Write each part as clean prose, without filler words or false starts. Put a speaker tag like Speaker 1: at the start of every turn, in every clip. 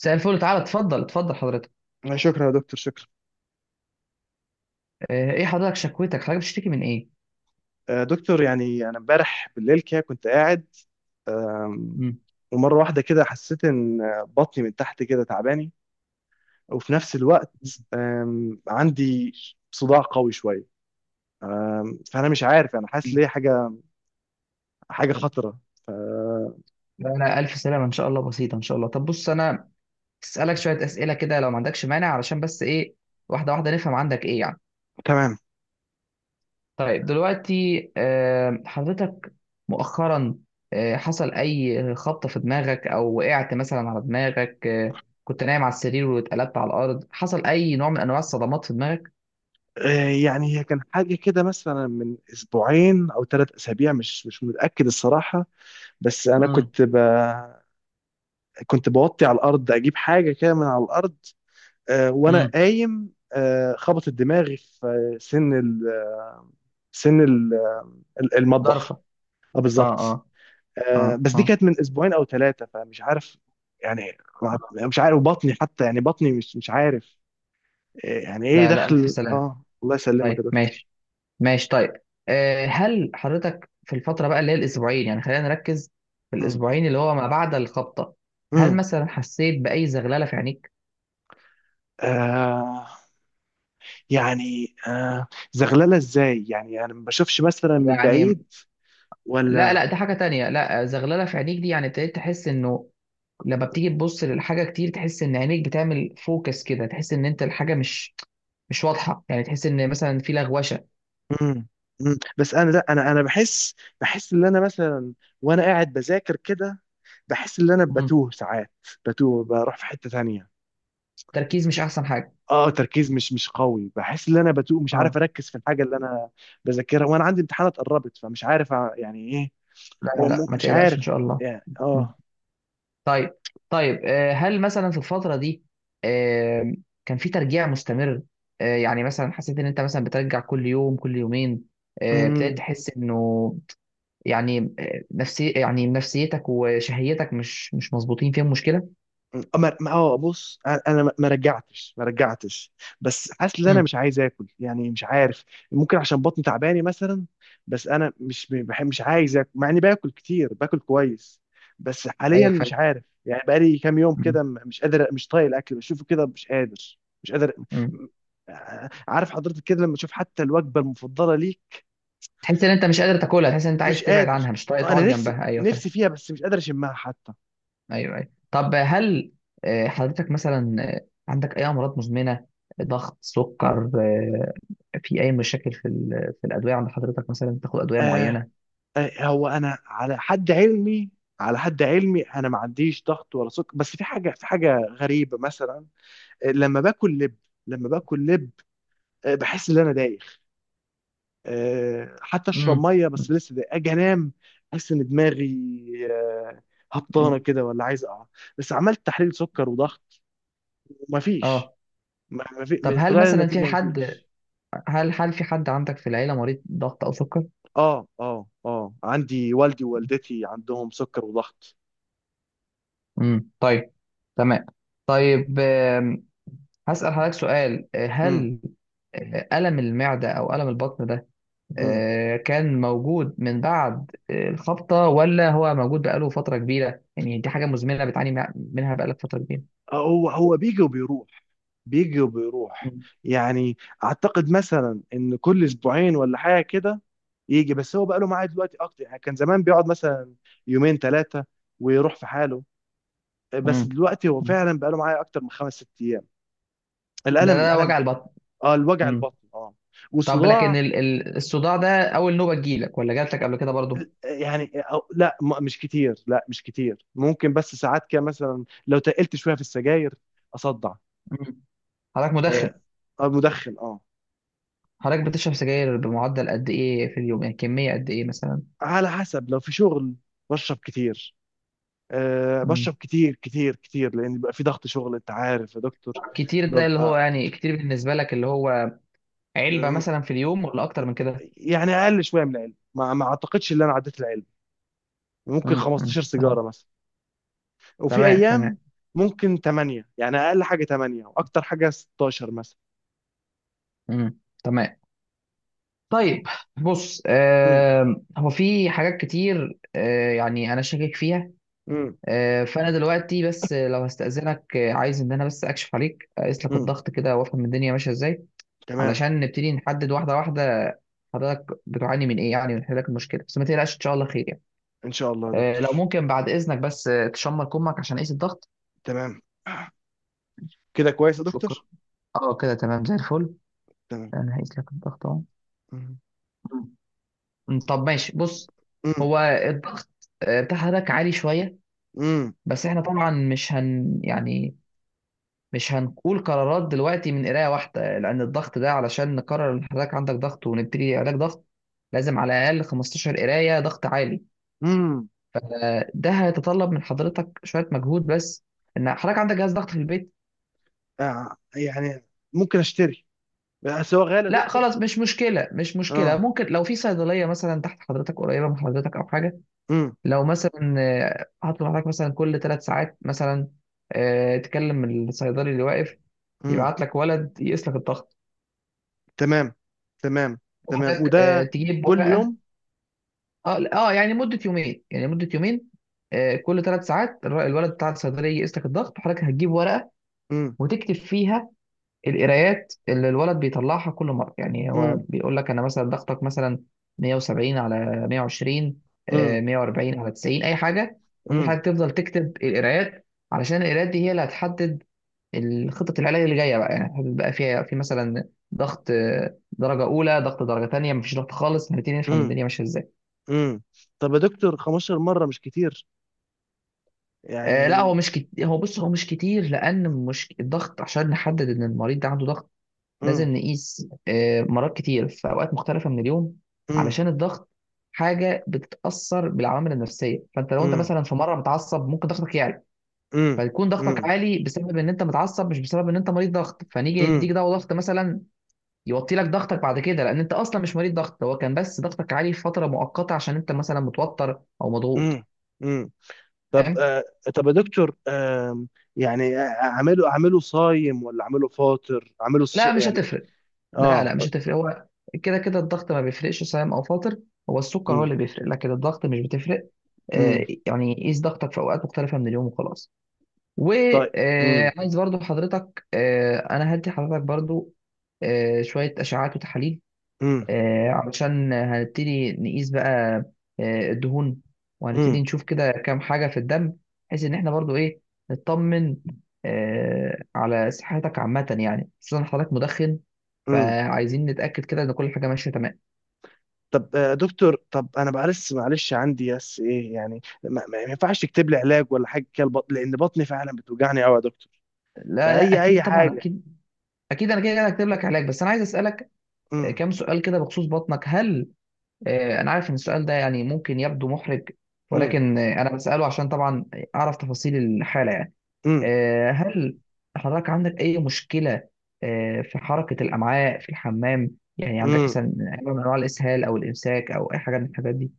Speaker 1: مساء الفل، تعالى، اتفضل اتفضل حضرتك.
Speaker 2: شكرا يا دكتور، شكرا.
Speaker 1: ايه حضرتك شكوتك، حضرتك بتشتكي من ايه؟
Speaker 2: دكتور، يعني انا امبارح بالليل كده كنت قاعد. آم،
Speaker 1: مم.
Speaker 2: ومره واحده كده حسيت ان بطني من تحت كده تعباني، وفي نفس الوقت عندي صداع قوي شويه، فانا مش عارف انا حاسس
Speaker 1: مم.
Speaker 2: ليه حاجه، حاجه خطره.
Speaker 1: لا، انا الف سلامه ان شاء الله، بسيطه ان شاء الله. طب بص، انا اسالك شويه اسئله كده لو ما عندكش مانع، علشان بس ايه، واحده واحده نفهم عندك ايه يعني.
Speaker 2: تمام.
Speaker 1: طيب دلوقتي، حضرتك مؤخرا، حصل اي خبطه في دماغك او وقعت مثلا على دماغك؟ كنت نايم على السرير واتقلبت على الارض؟ حصل اي نوع من انواع الصدمات في دماغك؟
Speaker 2: يعني هي كان حاجه كده مثلا من اسبوعين او ثلاث اسابيع، مش متاكد الصراحه. بس انا
Speaker 1: امم،
Speaker 2: كنت بوطي على الارض اجيب حاجه كده من على الارض، وانا
Speaker 1: امم.
Speaker 2: قايم خبطت دماغي في سن ال- المطبخ.
Speaker 1: ضرفة.
Speaker 2: اه،
Speaker 1: اه،
Speaker 2: بالظبط.
Speaker 1: اه، اه،
Speaker 2: بس دي
Speaker 1: اه.
Speaker 2: كانت من اسبوعين او ثلاثه، فمش عارف يعني. مش عارف بطني حتى، يعني بطني مش عارف. يعني ايه
Speaker 1: لا، لا، ألف
Speaker 2: دخل،
Speaker 1: سلامة.
Speaker 2: اه الله يسلمك يا
Speaker 1: طيب،
Speaker 2: دكتور.
Speaker 1: ماشي. ماشي طيب. هل حضرتك في الفترة بقى اللي هي الأسبوعين، يعني خلينا نركز في
Speaker 2: مم.
Speaker 1: الأسبوعين اللي هو ما بعد الخبطة، هل
Speaker 2: مم.
Speaker 1: مثلا حسيت بأي زغللة في عينيك؟
Speaker 2: آه يعني زغلله ازاي؟ يعني انا ما بشوفش مثلا من
Speaker 1: يعني.
Speaker 2: بعيد
Speaker 1: لا،
Speaker 2: ولا.
Speaker 1: لا، دي حاجة تانية. لا، زغللة في عينيك دي يعني ابتديت تحس إنه لما بتيجي تبص للحاجة كتير، تحس إن عينيك بتعمل فوكس كده، تحس إن أنت الحاجة مش واضحة يعني، تحس إن مثلا في لغوشة.
Speaker 2: امم بس انا لا، انا بحس، بحس ان انا مثلا وانا قاعد بذاكر كده، بحس ان انا
Speaker 1: مم.
Speaker 2: بتوه ساعات، بتوه بروح في حتة تانية.
Speaker 1: تركيز، مش أحسن حاجة.
Speaker 2: اه، تركيز مش قوي، بحس ان انا بتوه، مش عارف
Speaker 1: اه،
Speaker 2: اركز في الحاجة اللي انا بذاكرها، وانا عندي امتحانات قربت فمش عارف يعني ايه.
Speaker 1: لا
Speaker 2: هو
Speaker 1: لا ما
Speaker 2: مش
Speaker 1: تقلقش
Speaker 2: عارف
Speaker 1: إن شاء الله.
Speaker 2: يعني،
Speaker 1: مم.
Speaker 2: اه.
Speaker 1: طيب. طيب، هل مثلا في الفترة دي آه، كان في ترجيع مستمر؟ يعني مثلا حسيت ان انت مثلا بترجع كل يوم كل يومين، ابتديت
Speaker 2: امم
Speaker 1: تحس انه يعني، نفسيتك وشهيتك مش مظبوطين فيهم مشكلة؟
Speaker 2: اه بص انا، ما رجعتش، ما رجعتش. بس حاسس ان انا
Speaker 1: امم.
Speaker 2: مش عايز اكل، يعني مش عارف، ممكن عشان بطني تعباني مثلا. بس انا مش بحب، مش عايز اكل، مع اني باكل كتير، باكل كويس. بس حاليا
Speaker 1: ايوه،
Speaker 2: مش
Speaker 1: فاهم.
Speaker 2: عارف، يعني بقالي كام يوم
Speaker 1: مم.
Speaker 2: كده مش قادر، مش طايق الاكل، بشوفه كده مش قادر. مش قادر.
Speaker 1: مم.
Speaker 2: م- عارف حضرتك كده لما تشوف حتى الوجبه المفضله ليك؟
Speaker 1: تحس ان انت مش قادر تاكلها، تحس ان انت
Speaker 2: مش
Speaker 1: عايز تبعد
Speaker 2: قادر.
Speaker 1: عنها، مش طايق
Speaker 2: انا
Speaker 1: تقعد
Speaker 2: نفسي
Speaker 1: جنبها؟ ايوه، فاهم.
Speaker 2: نفسي فيها، بس مش قادر اشمها حتى.
Speaker 1: ايوه، ايوه. طب هل حضرتك مثلا عندك اي امراض مزمنه؟ ضغط، سكر، في اي مشاكل في في الادويه عند حضرتك، مثلا تاخد ادويه
Speaker 2: آه،
Speaker 1: معينه؟
Speaker 2: هو انا على حد علمي، على حد علمي انا ما عنديش ضغط ولا سكر، بس في حاجه، في حاجه غريبه مثلا. لما باكل لب، لما باكل لب بحس ان انا دايخ، حتى اشرب
Speaker 1: امم،
Speaker 2: ميه بس لسه دايخ، اجي انام احس ان دماغي آه، هبطانه كده، ولا عايز اقع. بس عملت تحليل سكر وضغط ومفيش،
Speaker 1: اه.
Speaker 2: ما
Speaker 1: طب
Speaker 2: في،
Speaker 1: هل
Speaker 2: طلع لي
Speaker 1: مثلا في
Speaker 2: النتيجه
Speaker 1: حد،
Speaker 2: مفيش.
Speaker 1: هل في حد عندك في العيله مريض ضغط او سكر؟
Speaker 2: اه، اه، اه، عندي والدي ووالدتي عندهم سكر وضغط.
Speaker 1: امم، طيب، تمام، طيب. هسأل حضرتك سؤال.
Speaker 2: امم
Speaker 1: هل الم المعده او الم البطن ده
Speaker 2: امم
Speaker 1: كان موجود من بعد الخبطة، ولا هو موجود بقاله فترة كبيرة؟ يعني دي حاجة مزمنة بتعاني منها بقالك فترة كبيرة؟
Speaker 2: هو بيجي وبيروح، بيجي وبيروح.
Speaker 1: مم.
Speaker 2: يعني اعتقد مثلا ان كل اسبوعين ولا حاجه كده يجي، بس هو بقى له معاد دلوقتي اكتر، يعني كان زمان بيقعد مثلا يومين ثلاثه ويروح في حاله، بس
Speaker 1: مم.
Speaker 2: دلوقتي هو
Speaker 1: مم.
Speaker 2: فعلا بقى له معايا اكتر من خمس ست ايام.
Speaker 1: ده
Speaker 2: الالم
Speaker 1: ده وجع
Speaker 2: الالم،
Speaker 1: البطن.
Speaker 2: اه الوجع
Speaker 1: مم.
Speaker 2: البطن اه،
Speaker 1: طب لكن
Speaker 2: وصداع.
Speaker 1: الصداع ده، أول نوبة تجيلك ولا جاتلك قبل كده برضو؟
Speaker 2: يعني أو لا، مش كتير، لا مش كتير، ممكن بس ساعات كده مثلا لو تقلت شويه في السجاير اصدع.
Speaker 1: مم. حضرتك
Speaker 2: آه
Speaker 1: مدخن؟
Speaker 2: مدخن، اه.
Speaker 1: حضرتك بتشرب سجاير بمعدل قد إيه في اليوم؟ يعني كمية قد إيه مثلا.
Speaker 2: على حسب لو في شغل بشرب كتير.
Speaker 1: مم.
Speaker 2: بشرب كتير كتير كتير، لان بيبقى في ضغط شغل، انت عارف يا دكتور.
Speaker 1: كتير، ده اللي هو
Speaker 2: ببقى،
Speaker 1: يعني، كتير بالنسبة لك اللي هو علبة
Speaker 2: أم،
Speaker 1: مثلا في اليوم ولا أكتر من كده؟
Speaker 2: يعني اقل شويه من العلم، ما اعتقدش ان انا عديت العلم، ممكن
Speaker 1: مم. مم.
Speaker 2: 15
Speaker 1: تمام،
Speaker 2: سيجاره مثلا. وفي
Speaker 1: تمام،
Speaker 2: ايام
Speaker 1: تمام.
Speaker 2: ممكن 8، يعني اقل حاجه 8 واكتر حاجه 16 مثلا.
Speaker 1: مم. تمام. طيب بص،
Speaker 2: امم
Speaker 1: هو في حاجات كتير، يعني انا شاكك فيها.
Speaker 2: امم
Speaker 1: فانا دلوقتي بس لو هستأذنك، عايز ان انا بس اكشف عليك، اقيس لك
Speaker 2: امم
Speaker 1: الضغط كده وافهم الدنيا ماشيه ازاي،
Speaker 2: تمام.
Speaker 1: علشان نبتدي نحدد واحده واحده حضرتك بتعاني من ايه يعني، ونحل لك المشكله. بس ما تقلقش، ان شاء الله خير يعني.
Speaker 2: ان شاء الله يا
Speaker 1: لو
Speaker 2: دكتور.
Speaker 1: ممكن بعد اذنك، بس تشمر كمك عشان اقيس الضغط.
Speaker 2: تمام. كده كويس يا دكتور.
Speaker 1: شكرا. اه، كده تمام زي الفل.
Speaker 2: تمام.
Speaker 1: انا هقيس لك الضغط اهو.
Speaker 2: امم
Speaker 1: طب ماشي، بص. هو الضغط بتاع حضرتك عالي شويه.
Speaker 2: امم
Speaker 1: بس احنا طبعا مش هن يعني مش هنقول قرارات دلوقتي من قرايه واحده، لان الضغط ده علشان نقرر ان حضرتك عندك ضغط ونبتدي علاج ضغط، لازم على الاقل 15 قرايه ضغط عالي.
Speaker 2: امم
Speaker 1: ده هيتطلب من حضرتك شويه مجهود، بس ان حضرتك عندك جهاز ضغط في البيت؟
Speaker 2: يعني ممكن اشتري، بس هو غالي يا
Speaker 1: لا
Speaker 2: دكتور.
Speaker 1: خلاص، مش مشكله، مش مشكله.
Speaker 2: اه.
Speaker 1: ممكن لو في صيدليه مثلا تحت حضرتك، قريبه من حضرتك، او حاجه. لو مثلا هطلب حضرتك مثلا كل 3 ساعات مثلا، تكلم الصيدلي اللي واقف
Speaker 2: امم
Speaker 1: يبعت لك ولد يقيس لك الضغط،
Speaker 2: تمام. تمام، تمام،
Speaker 1: وحضرتك
Speaker 2: وده
Speaker 1: تجيب
Speaker 2: كل
Speaker 1: ورقه.
Speaker 2: يوم؟
Speaker 1: اه لا، اه يعني مده يومين، يعني مده يومين، كل 3 ساعات الولد بتاع الصيدليه يقيس لك الضغط، وحضرتك هتجيب ورقه
Speaker 2: امم
Speaker 1: وتكتب فيها القرايات اللي الولد بيطلعها كل مره، يعني هو
Speaker 2: امم
Speaker 1: بيقول لك انا مثلا ضغطك مثلا 170 على 120،
Speaker 2: امم
Speaker 1: 140 على 90، اي حاجه. ممكن
Speaker 2: امم
Speaker 1: حضرتك تفضل تكتب القرايات، علشان القرايات دي هي اللي هتحدد الخطة العلاج اللي جاية بقى، يعني هتحدد بقى فيها في مثلا ضغط درجة أولى، ضغط درجة تانية، مفيش ضغط خالص. هنبتدي نفهم
Speaker 2: امم
Speaker 1: الدنيا ماشية إزاي.
Speaker 2: امم طب يا دكتور، 15 مرة مش كتير؟
Speaker 1: لا، هو
Speaker 2: يعني.
Speaker 1: مش كتير، هو بص، هو مش كتير لأن مش الضغط عشان نحدد إن المريض ده عنده ضغط،
Speaker 2: امم
Speaker 1: لازم نقيس مرات كتير في اوقات مختلفه من اليوم.
Speaker 2: امم
Speaker 1: علشان الضغط حاجه بتتاثر بالعوامل النفسيه، فانت لو انت
Speaker 2: امم
Speaker 1: مثلا في مره متعصب ممكن ضغطك يعلى،
Speaker 2: امم
Speaker 1: فيكون
Speaker 2: امم
Speaker 1: ضغطك عالي بسبب ان انت متعصب، مش بسبب ان انت مريض ضغط. فنيجي
Speaker 2: امم
Speaker 1: نديك دواء ضغط مثلا يوطي لك ضغطك بعد كده، لان انت اصلا مش مريض ضغط، هو كان بس ضغطك عالي في فتره مؤقته عشان انت مثلا متوتر او مضغوط.
Speaker 2: امم امم طب.
Speaker 1: فاهم؟
Speaker 2: طب يا دكتور، يعني اعمله صايم، ولا اعمله فاطر،
Speaker 1: لا، مش
Speaker 2: يعني.
Speaker 1: هتفرق. لا،
Speaker 2: اه.
Speaker 1: لا، مش هتفرق. هو كده كده الضغط ما بيفرقش صايم او فاطر. هو السكر هو
Speaker 2: امم
Speaker 1: اللي بيفرق، لكن الضغط مش بتفرق.
Speaker 2: امم
Speaker 1: يعني قيس ضغطك في اوقات مختلفه من اليوم وخلاص.
Speaker 2: طيب. امم
Speaker 1: وعايز برضو حضرتك، انا هدي حضرتك برضو شويه اشعاعات وتحاليل،
Speaker 2: امم
Speaker 1: علشان هنبتدي نقيس بقى الدهون، وهنبتدي
Speaker 2: امم
Speaker 1: نشوف كده كام حاجه في الدم، بحيث ان احنا برضو ايه، نطمن على صحتك عامه، يعني خصوصا حضرتك مدخن
Speaker 2: امم.
Speaker 1: فعايزين نتاكد كده ان كل حاجه ماشيه تمام.
Speaker 2: طب دكتور، طب انا معلش، معلش عندي بس ايه، يعني ما ينفعش تكتب لي علاج ولا حاجه كده، البطن لان بطني فعلا بتوجعني قوي يا دكتور،
Speaker 1: لا، لا،
Speaker 2: فاي
Speaker 1: اكيد، طبعا،
Speaker 2: حاجه.
Speaker 1: اكيد. اكيد انا كده كده هكتب لك علاج، بس انا عايز اسالك
Speaker 2: امم
Speaker 1: كام سؤال كده بخصوص بطنك. هل آه، انا عارف ان السؤال ده يعني ممكن يبدو محرج،
Speaker 2: امم
Speaker 1: ولكن انا بساله عشان طبعا اعرف تفاصيل الحاله يعني.
Speaker 2: امم
Speaker 1: هل حضرتك عندك اي مشكله في حركه الامعاء في الحمام؟ يعني عندك
Speaker 2: امم
Speaker 1: مثلا نوع من انواع الاسهال او الامساك او اي حاجه من الحاجات دي؟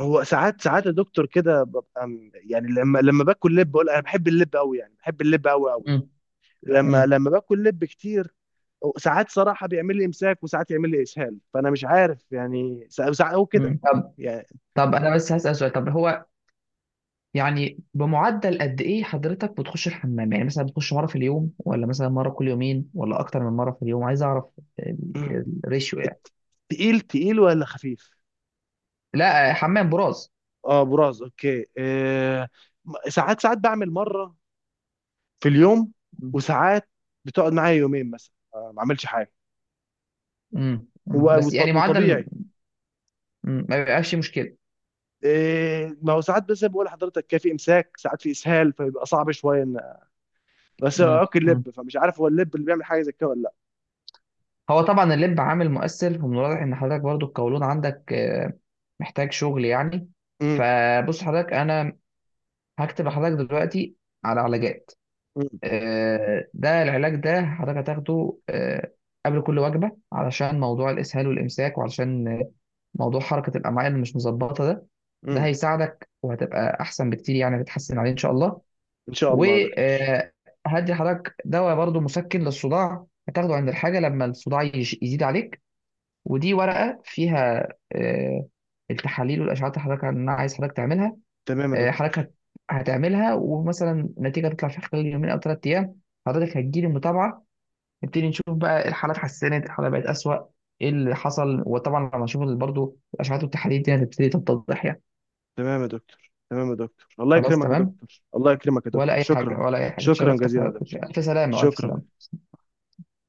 Speaker 2: هو ساعات ساعات يا دكتور كده ببقى يعني، لما باكل لب، بقول انا بحب اللب قوي، يعني بحب اللب قوي قوي يعني،
Speaker 1: مم.
Speaker 2: لما
Speaker 1: مم.
Speaker 2: لما باكل لب كتير، ساعات صراحه بيعمل لي امساك وساعات يعمل لي اسهال، فانا مش عارف يعني، ساعات هو كده
Speaker 1: مم. طب.
Speaker 2: يعني.
Speaker 1: طب انا بس هسال سؤال، طب هو يعني بمعدل قد ايه حضرتك بتخش الحمام؟ يعني مثلا بتخش مره في اليوم، ولا مثلا مره كل يومين، ولا اكتر من مره في اليوم؟ عايز اعرف ال-
Speaker 2: مم.
Speaker 1: الريشيو يعني.
Speaker 2: الت- تقيل تقيل ولا خفيف؟
Speaker 1: لا، حمام براز.
Speaker 2: اه براز، اوكي، ساعات ساعات بعمل مره في اليوم،
Speaker 1: مم.
Speaker 2: وساعات بتقعد معايا يومين مثلا، ما عملش حاجه،
Speaker 1: امم.
Speaker 2: هو
Speaker 1: بس يعني معدل.
Speaker 2: وطبيعي.
Speaker 1: ما بيبقاش فيه مشكله.
Speaker 2: ما هو ساعات، بس بقول لحضرتك كان في امساك ساعات في اسهال، فبيبقى صعب شويه ان، بس اوكي اللب،
Speaker 1: امم.
Speaker 2: فمش عارف هو اللب اللي بيعمل حاجه زي كده ولا لا.
Speaker 1: هو طبعا اللب عامل مؤثر، ومن الواضح ان حضرتك برضو القولون عندك محتاج شغل يعني.
Speaker 2: امم
Speaker 1: فبص حضرتك، انا هكتب لحضرتك دلوقتي على علاجات.
Speaker 2: امم
Speaker 1: ده العلاج، ده حضرتك هتاخده قبل كل وجبة علشان موضوع الإسهال والإمساك، وعلشان موضوع حركة الأمعاء اللي مش مظبطة ده. ده
Speaker 2: امم
Speaker 1: هيساعدك وهتبقى أحسن بكتير، يعني هتتحسن عليه إن شاء الله.
Speaker 2: ان شاء الله يا دكتور.
Speaker 1: وهدي حضرتك دواء برضو مسكن للصداع، هتاخده عند الحاجة لما الصداع يزيد عليك. ودي ورقة فيها التحاليل والأشعات اللي حضرتك أنا عايز حضرتك تعملها.
Speaker 2: تمام يا دكتور،
Speaker 1: حضرتك هتعملها، ومثلا النتيجه تطلع في خلال يومين او 3 ايام، حضرتك هتجيلي متابعه. نبتدي نشوف بقى، الحاله اتحسنت، الحاله بقت اسوأ، ايه اللي حصل. وطبعا لما نشوف برضه الاشعاعات والتحاليل دي هتبتدي تتضح يعني.
Speaker 2: تمام يا دكتور. تمام يا دكتور، الله
Speaker 1: خلاص،
Speaker 2: يكرمك يا
Speaker 1: تمام.
Speaker 2: دكتور. الله يكرمك يا
Speaker 1: ولا
Speaker 2: دكتور،
Speaker 1: اي حاجه،
Speaker 2: شكرا.
Speaker 1: ولا اي حاجه.
Speaker 2: شكرا
Speaker 1: اتشرفت
Speaker 2: جزيلا يا
Speaker 1: بحضرتك،
Speaker 2: دكتور.
Speaker 1: الف سلامه والف سلامه.
Speaker 2: شكرا.